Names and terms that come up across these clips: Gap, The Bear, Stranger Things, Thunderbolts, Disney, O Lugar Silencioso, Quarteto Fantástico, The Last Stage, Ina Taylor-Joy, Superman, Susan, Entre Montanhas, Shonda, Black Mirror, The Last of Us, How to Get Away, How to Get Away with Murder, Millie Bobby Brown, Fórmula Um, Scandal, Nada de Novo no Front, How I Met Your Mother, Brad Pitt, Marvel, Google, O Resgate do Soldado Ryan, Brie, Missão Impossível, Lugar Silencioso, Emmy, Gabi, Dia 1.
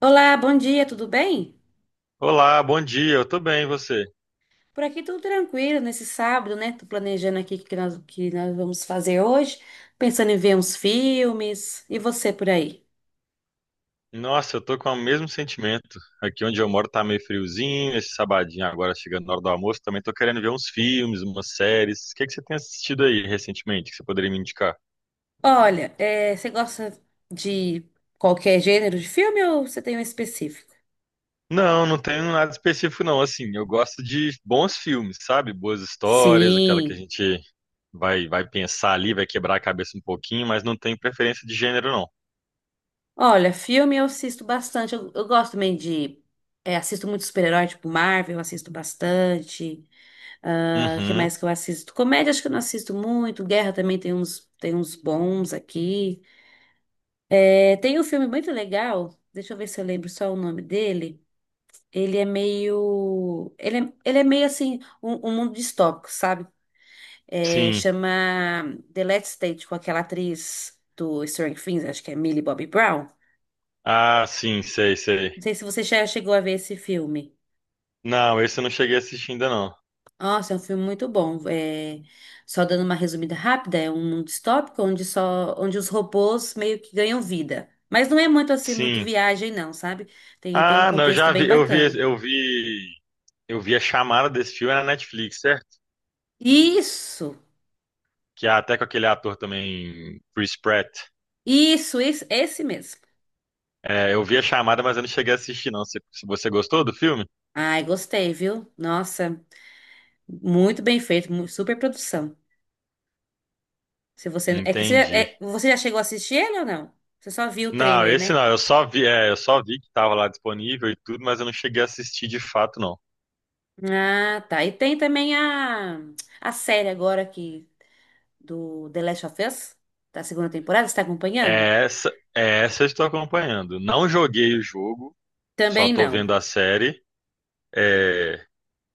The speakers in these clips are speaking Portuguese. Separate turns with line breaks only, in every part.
Olá, bom dia, tudo bem?
Olá, bom dia. Eu tô bem, e você?
Por aqui tudo tranquilo nesse sábado, né? Tô planejando aqui o que nós vamos fazer hoje, pensando em ver uns filmes. E você por aí?
Nossa, eu tô com o mesmo sentimento. Aqui onde eu moro tá meio friozinho, esse sabadinho agora chegando na hora do almoço, também tô querendo ver uns filmes, umas séries. O que que você tem assistido aí recentemente que você poderia me indicar?
Olha, você gosta de qualquer gênero de filme ou você tem um específico?
Não, não tenho nada específico não, assim, eu gosto de bons filmes, sabe? Boas histórias, aquela que a
Sim.
gente vai pensar ali, vai quebrar a cabeça um pouquinho, mas não tenho preferência de gênero não.
Olha, filme eu assisto bastante. Eu gosto também de. Assisto muito super-herói, tipo Marvel, eu assisto bastante. O que
Uhum.
mais que eu assisto? Comédia, acho que eu não assisto muito. Guerra também tem uns bons aqui. É, tem um filme muito legal, deixa eu ver se eu lembro só o nome dele. Ele é meio. Ele é meio assim, um mundo distópico, sabe? É,
Sim.
chama The Last Stage, com aquela atriz do Stranger Things, acho que é Millie Bobby Brown.
Ah, sim, sei,
Não
sei.
sei se você já chegou a ver esse filme.
Não, esse eu não cheguei a assistir ainda não.
Nossa, é um filme muito bom. É, só dando uma resumida rápida, é um mundo distópico onde os robôs meio que ganham vida. Mas não é muito assim, muito
Sim.
viagem, não, sabe? Tem um
Ah, não, eu
contexto
já
bem
vi, eu vi,
bacana.
eu vi, eu vi a chamada desse filme na Netflix, certo?
Isso!
Que é até com aquele ator também, Chris Pratt.
Isso, esse mesmo.
É, eu vi a chamada, mas eu não cheguei a assistir, não. Você gostou do filme?
Ai, gostei, viu? Nossa, muito bem feito, super produção. Se você, é que você,
Entendi.
é- você já chegou a assistir ele ou não? Você só viu o
Não,
trailer,
esse
né?
não, eu só vi, eu só vi que tava lá disponível e tudo, mas eu não cheguei a assistir de fato, não.
Ah, tá. E tem também a série agora aqui do The Last of Us, da segunda temporada, você tá acompanhando?
É essa, é essa eu estou acompanhando. Não joguei o jogo, só
Também
tô
não.
vendo a série. É,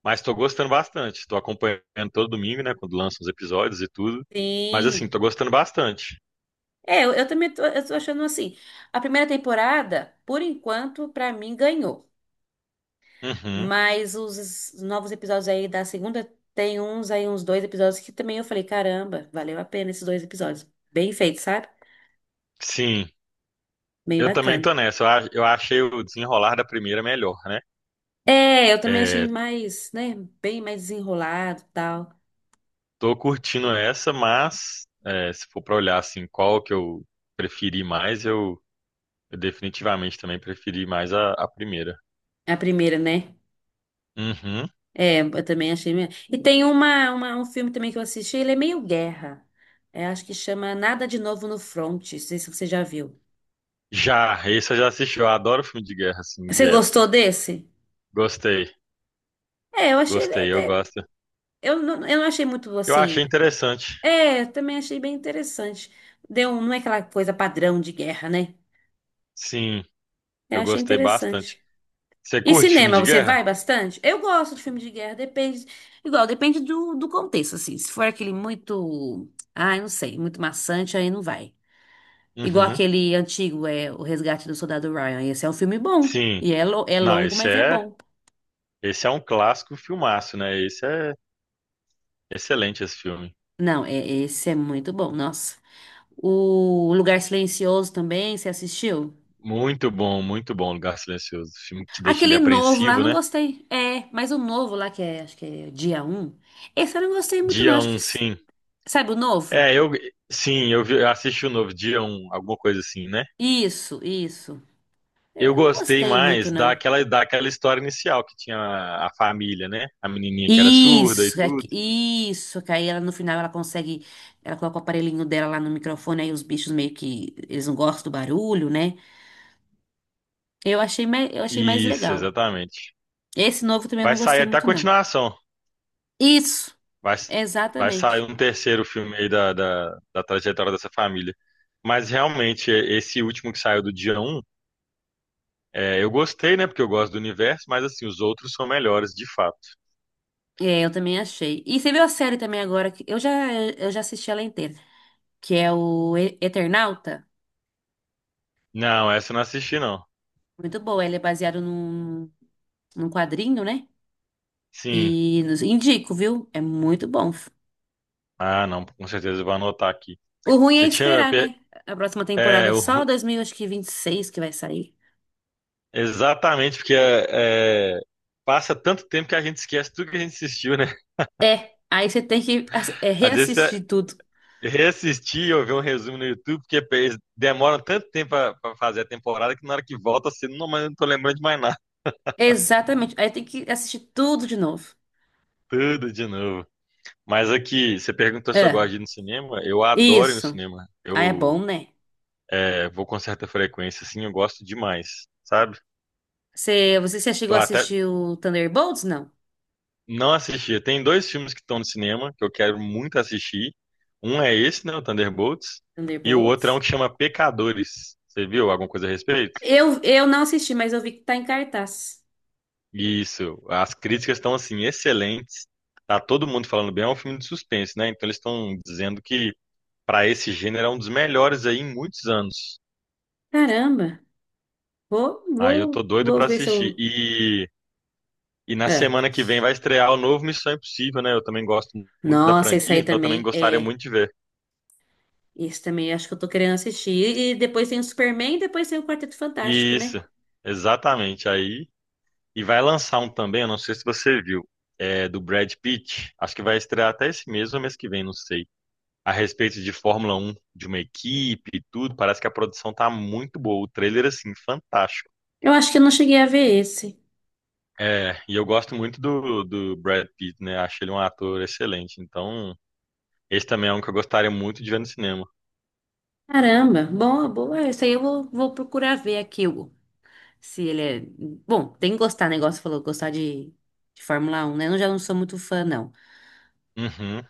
Mas tô gostando bastante. Tô acompanhando todo domingo, né? Quando lançam os episódios e tudo. Mas assim,
Sim.
tô gostando bastante.
É, eu tô achando assim, a primeira temporada, por enquanto, pra mim, ganhou.
Uhum.
Mas os novos episódios aí da segunda, tem uns dois episódios que também eu falei, caramba, valeu a pena esses dois episódios. Bem feito, sabe?
Sim,
Bem
eu também
bacana.
tô nessa. Eu achei o desenrolar da primeira melhor, né?
É, eu também achei
É,
mais, né, bem mais desenrolado e tal.
tô curtindo essa, mas é, se for pra olhar assim, qual que preferi mais, eu, eu definitivamente também preferi mais a primeira.
A primeira, né?
Uhum.
É, eu também achei. E tem um filme também que eu assisti, ele é meio guerra. É, acho que chama Nada de Novo no Front, não sei se você já viu.
Já, esse eu já assisti. Eu adoro filme de guerra, assim, de
Você
época.
gostou desse?
Gostei,
É, eu achei ele
gostei, eu
até.
gosto.
Eu não achei muito
Eu achei
assim.
interessante.
É, também achei bem interessante. Deu, um, não é aquela coisa padrão de guerra, né?
Sim.
Eu
Eu
achei
gostei bastante.
interessante.
Você
E
curte filme
cinema,
de
você
guerra?
vai bastante? Eu gosto de filme de guerra, depende. Igual, depende do contexto, assim. Se for aquele muito. Ah não sei, muito maçante, aí não vai. Igual
Uhum.
aquele antigo, é O Resgate do Soldado Ryan. Esse é um filme bom.
Sim.
E é, é
Não,
longo,
esse
mas é
é,
bom.
esse é um clássico filmaço, né? Esse é excelente esse filme.
Não, é, esse é muito bom, nossa. O Lugar Silencioso também, você assistiu?
Muito bom, Lugar Silencioso. Filme que deixa ele
Aquele novo lá,
apreensivo,
não
né?
gostei. É, mas o novo lá, que é, acho que é dia um, esse eu não gostei muito, não.
Dia
Acho que,
1, sim.
sabe o novo?
É, eu eu assisti o novo Dia 1, alguma coisa assim, né?
Isso. É,
Eu
eu não
gostei
gostei muito,
mais
não.
daquela história inicial que tinha a família, né? A menininha que era surda e
Isso,
tudo.
isso. Que aí ela, no final, ela consegue, ela coloca o aparelhinho dela lá no microfone, aí os bichos meio que, eles não gostam do barulho, né? Eu achei, eu achei mais
Isso,
legal.
exatamente.
Esse novo também eu não
Vai sair
gostei
até a
muito, não.
continuação.
Isso,
Vai, vai sair
exatamente.
um terceiro filme aí da trajetória dessa família. Mas realmente, esse último que saiu do dia 1, eu gostei, né? Porque eu gosto do universo, mas assim, os outros são melhores, de fato.
É, eu também achei. E você viu a série também agora? Que eu já, eu já assisti ela inteira. Que é o Eternauta.
Não, essa eu não assisti, não.
Muito boa, ele é baseado num quadrinho, né?
Sim.
E indico, viu? É muito bom.
Ah, não, com certeza eu vou anotar aqui.
O ruim é
Você tinha.
esperar,
pe-
né? A próxima
É,
temporada,
o-
só 2026 que vinte e seis que vai sair.
exatamente, porque passa tanto tempo que a gente esquece tudo que a gente assistiu, né?
É, aí você tem que
Às vezes é,
reassistir tudo.
Reassistir ou ver um resumo no YouTube, porque eles demoram tanto tempo pra fazer a temporada que na hora que volta assim, não, mas eu não tô lembrando de mais nada.
Exatamente, aí tem que assistir tudo de novo.
Tudo de novo. Mas aqui, você perguntou se eu gosto
É,
de ir no cinema. Eu adoro ir no
isso.
cinema.
Ah, é
Eu
bom, né?
é, vou com certa frequência, assim, eu gosto demais, sabe?
Você chegou
Tô
a
até
assistir o Thunderbolts? Não.
não assisti. Tem dois filmes que estão no cinema que eu quero muito assistir. Um é esse, né, o Thunderbolts, e o outro é um
Thunderbolts?
que chama Pecadores. Você viu alguma coisa a respeito?
Eu não assisti, mas eu vi que tá em cartaz.
Isso, as críticas estão assim excelentes. Tá todo mundo falando bem, é um filme de suspense, né? Então eles estão dizendo que para esse gênero é um dos melhores aí em muitos anos.
Caramba. Vou,
Aí eu tô
vou,
doido
vou
para
ver se
assistir.
eu.
E na
É.
semana que vem vai estrear o novo Missão Impossível, né? Eu também gosto muito da
Nossa, isso
franquia,
aí
então eu também
também
gostaria
é.
muito de ver.
Isso também acho que eu tô querendo assistir. E depois tem o Superman, depois tem o Quarteto Fantástico, né?
Isso, exatamente. Aí e vai lançar um também, eu não sei se você viu, é do Brad Pitt. Acho que vai estrear até esse mês ou mês que vem, não sei. A respeito de Fórmula Um, de uma equipe e tudo, parece que a produção tá muito boa. O trailer, assim, fantástico.
Eu acho que eu não cheguei a ver esse.
É, e eu gosto muito do Brad Pitt, né? Acho ele um ator excelente. Então, esse também é um que eu gostaria muito de ver no cinema.
Caramba, boa, boa. Isso aí eu vou procurar ver aqui, Hugo. Se ele é. Bom, tem que gostar, negócio falou, gostar de Fórmula Um, né? Eu já não sou muito fã, não.
Uhum.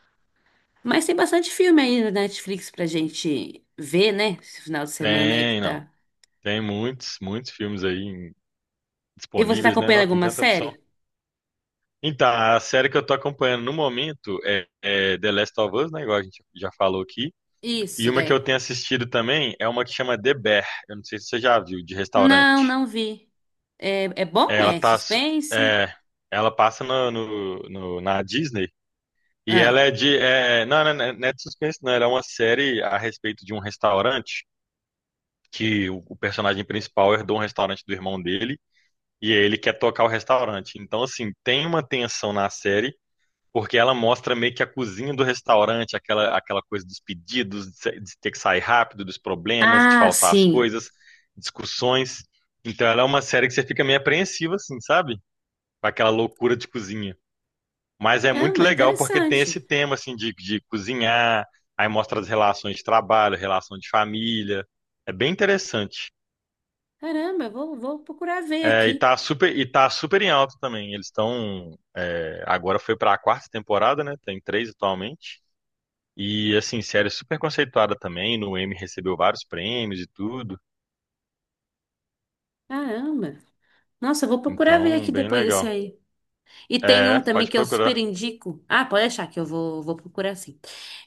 Mas tem bastante filme aí na Netflix pra gente ver, né? Esse final de semana aí que
Tem, não.
tá.
Tem muitos filmes aí
E você tá
disponíveis, né?
acompanhando
Não, tem
alguma
tanta opção.
série?
Então, a série que eu tô acompanhando no momento é The Last of Us, né? Igual a gente já falou aqui. E
Isso,
uma que eu
né?
tenho assistido também é uma que chama The Bear. Eu não sei se você já viu, de
Não,
restaurante.
não vi. É, é
É,
bom?
ela
É
tá, su-
suspense?
é, ela passa na Disney e
Ah,
ela é de, não é de suspense, não. Ela é uma série a respeito de um restaurante que o personagem principal herdou um restaurante do irmão dele e aí ele quer tocar o restaurante. Então, assim, tem uma tensão na série porque ela mostra meio que a cozinha do restaurante, aquela coisa dos pedidos, de ter que sair rápido, dos problemas, de
ah,
faltar as
sim.
coisas, discussões. Então, ela é uma série que você fica meio apreensiva, assim, sabe? Com aquela loucura de cozinha. Mas é muito
Caramba,
legal porque tem esse
interessante.
tema assim de cozinhar, aí mostra as relações de trabalho, relação de família. É bem interessante.
Caramba, vou procurar ver aqui.
E tá super em alta também. Agora foi para a quarta temporada, né? Tem três atualmente. E assim, série super conceituada também. No Emmy recebeu vários prêmios e tudo.
Caramba. Nossa, eu vou procurar ver
Então,
aqui
bem
depois desse
legal.
aí. E tem um
É,
também
pode
que eu super
procurar.
indico. Ah, pode achar que eu vou procurar sim.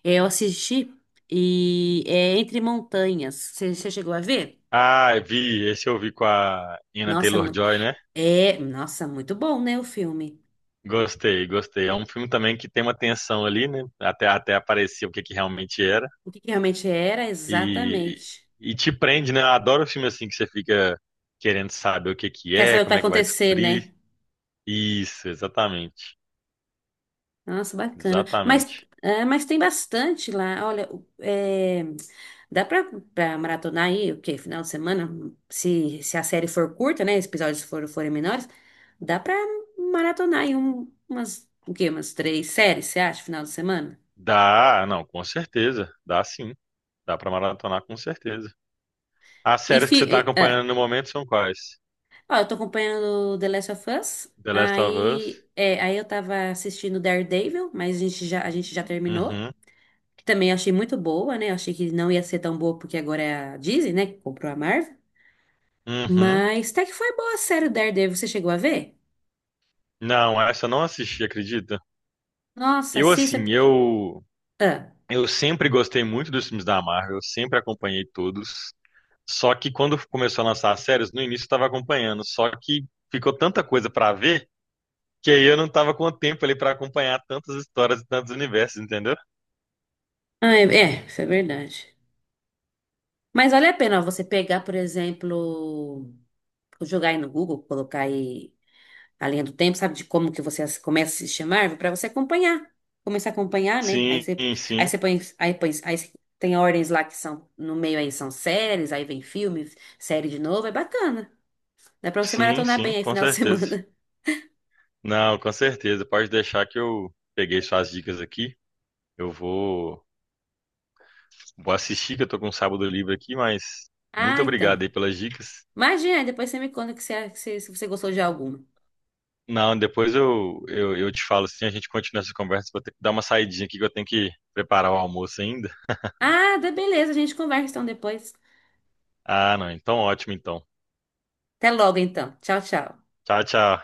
É, eu assisti e é Entre Montanhas. Você chegou a ver?
Ah, vi, esse eu vi com a Ina
Nossa,
Taylor-Joy, né?
nossa, muito bom, né, o filme.
Gostei. É um filme também que tem uma tensão ali, né? Até aparecer o que, que realmente era.
O que que realmente era,
E,
exatamente.
e te prende, né? Eu adoro filme assim que você fica querendo saber o que, que
Quer
é,
saber o que
como
vai
é que vai
acontecer,
descobrir.
né?
Isso, exatamente.
Nossa, bacana. Mas,
Exatamente.
é, mas tem bastante lá. Olha, dá pra, pra maratonar aí, o quê? Final de semana? Se a série for curta, né? Os episódios forem menores, dá pra maratonar aí o quê? Umas três séries, você acha, final de semana?
Dá, não, com certeza. Dá sim. Dá pra maratonar com certeza. As
E,
séries que
fi,
você tá
e- ah.
acompanhando no momento são quais?
Ó, eu tô acompanhando The Last of Us.
The Last of Us?
Aí, é, aí eu tava assistindo Daredevil, mas a gente já terminou.
Uhum.
Que também achei muito boa, né? Achei que não ia ser tão boa porque agora é a Disney, né, que comprou a Marvel.
Uhum.
Mas até que foi boa a série do Daredevil, você chegou a ver?
Não, essa eu não assisti, acredita?
Nossa,
Eu
assista.
assim,
Ah,
eu sempre gostei muito dos filmes da Marvel, eu sempre acompanhei todos. Só que quando começou a lançar as séries, no início eu estava acompanhando, só que ficou tanta coisa para ver que aí eu não estava com o tempo ali para acompanhar tantas histórias e tantos universos, entendeu?
ah, é, é, isso é verdade. Mas vale a pena ó, você pegar, por exemplo, jogar aí no Google, colocar aí a linha do tempo, sabe, de como que você começa a se chamar para você acompanhar. Começar a acompanhar, né?
Sim, sim,
Aí você põe, tem ordens lá que são, no meio aí são séries, aí vem filme, série de novo, é bacana. Dá pra você
sim,
maratonar
sim,
bem aí
com
final de
certeza.
semana.
Não, com certeza. Pode deixar que eu peguei suas dicas aqui. Eu vou, vou assistir, que eu tô com um sábado livre aqui, mas
Ah,
muito
então.
obrigado aí pelas dicas.
Imagina, aí depois você me conta se você gostou de alguma.
Não, depois eu te falo assim, a gente continua essa conversa. Vou ter que dar uma saidinha aqui que eu tenho que preparar o almoço ainda.
Ah, dá beleza, a gente conversa então depois.
Ah, não, então ótimo então.
Até logo então. Tchau, tchau.
Tchau, tchau.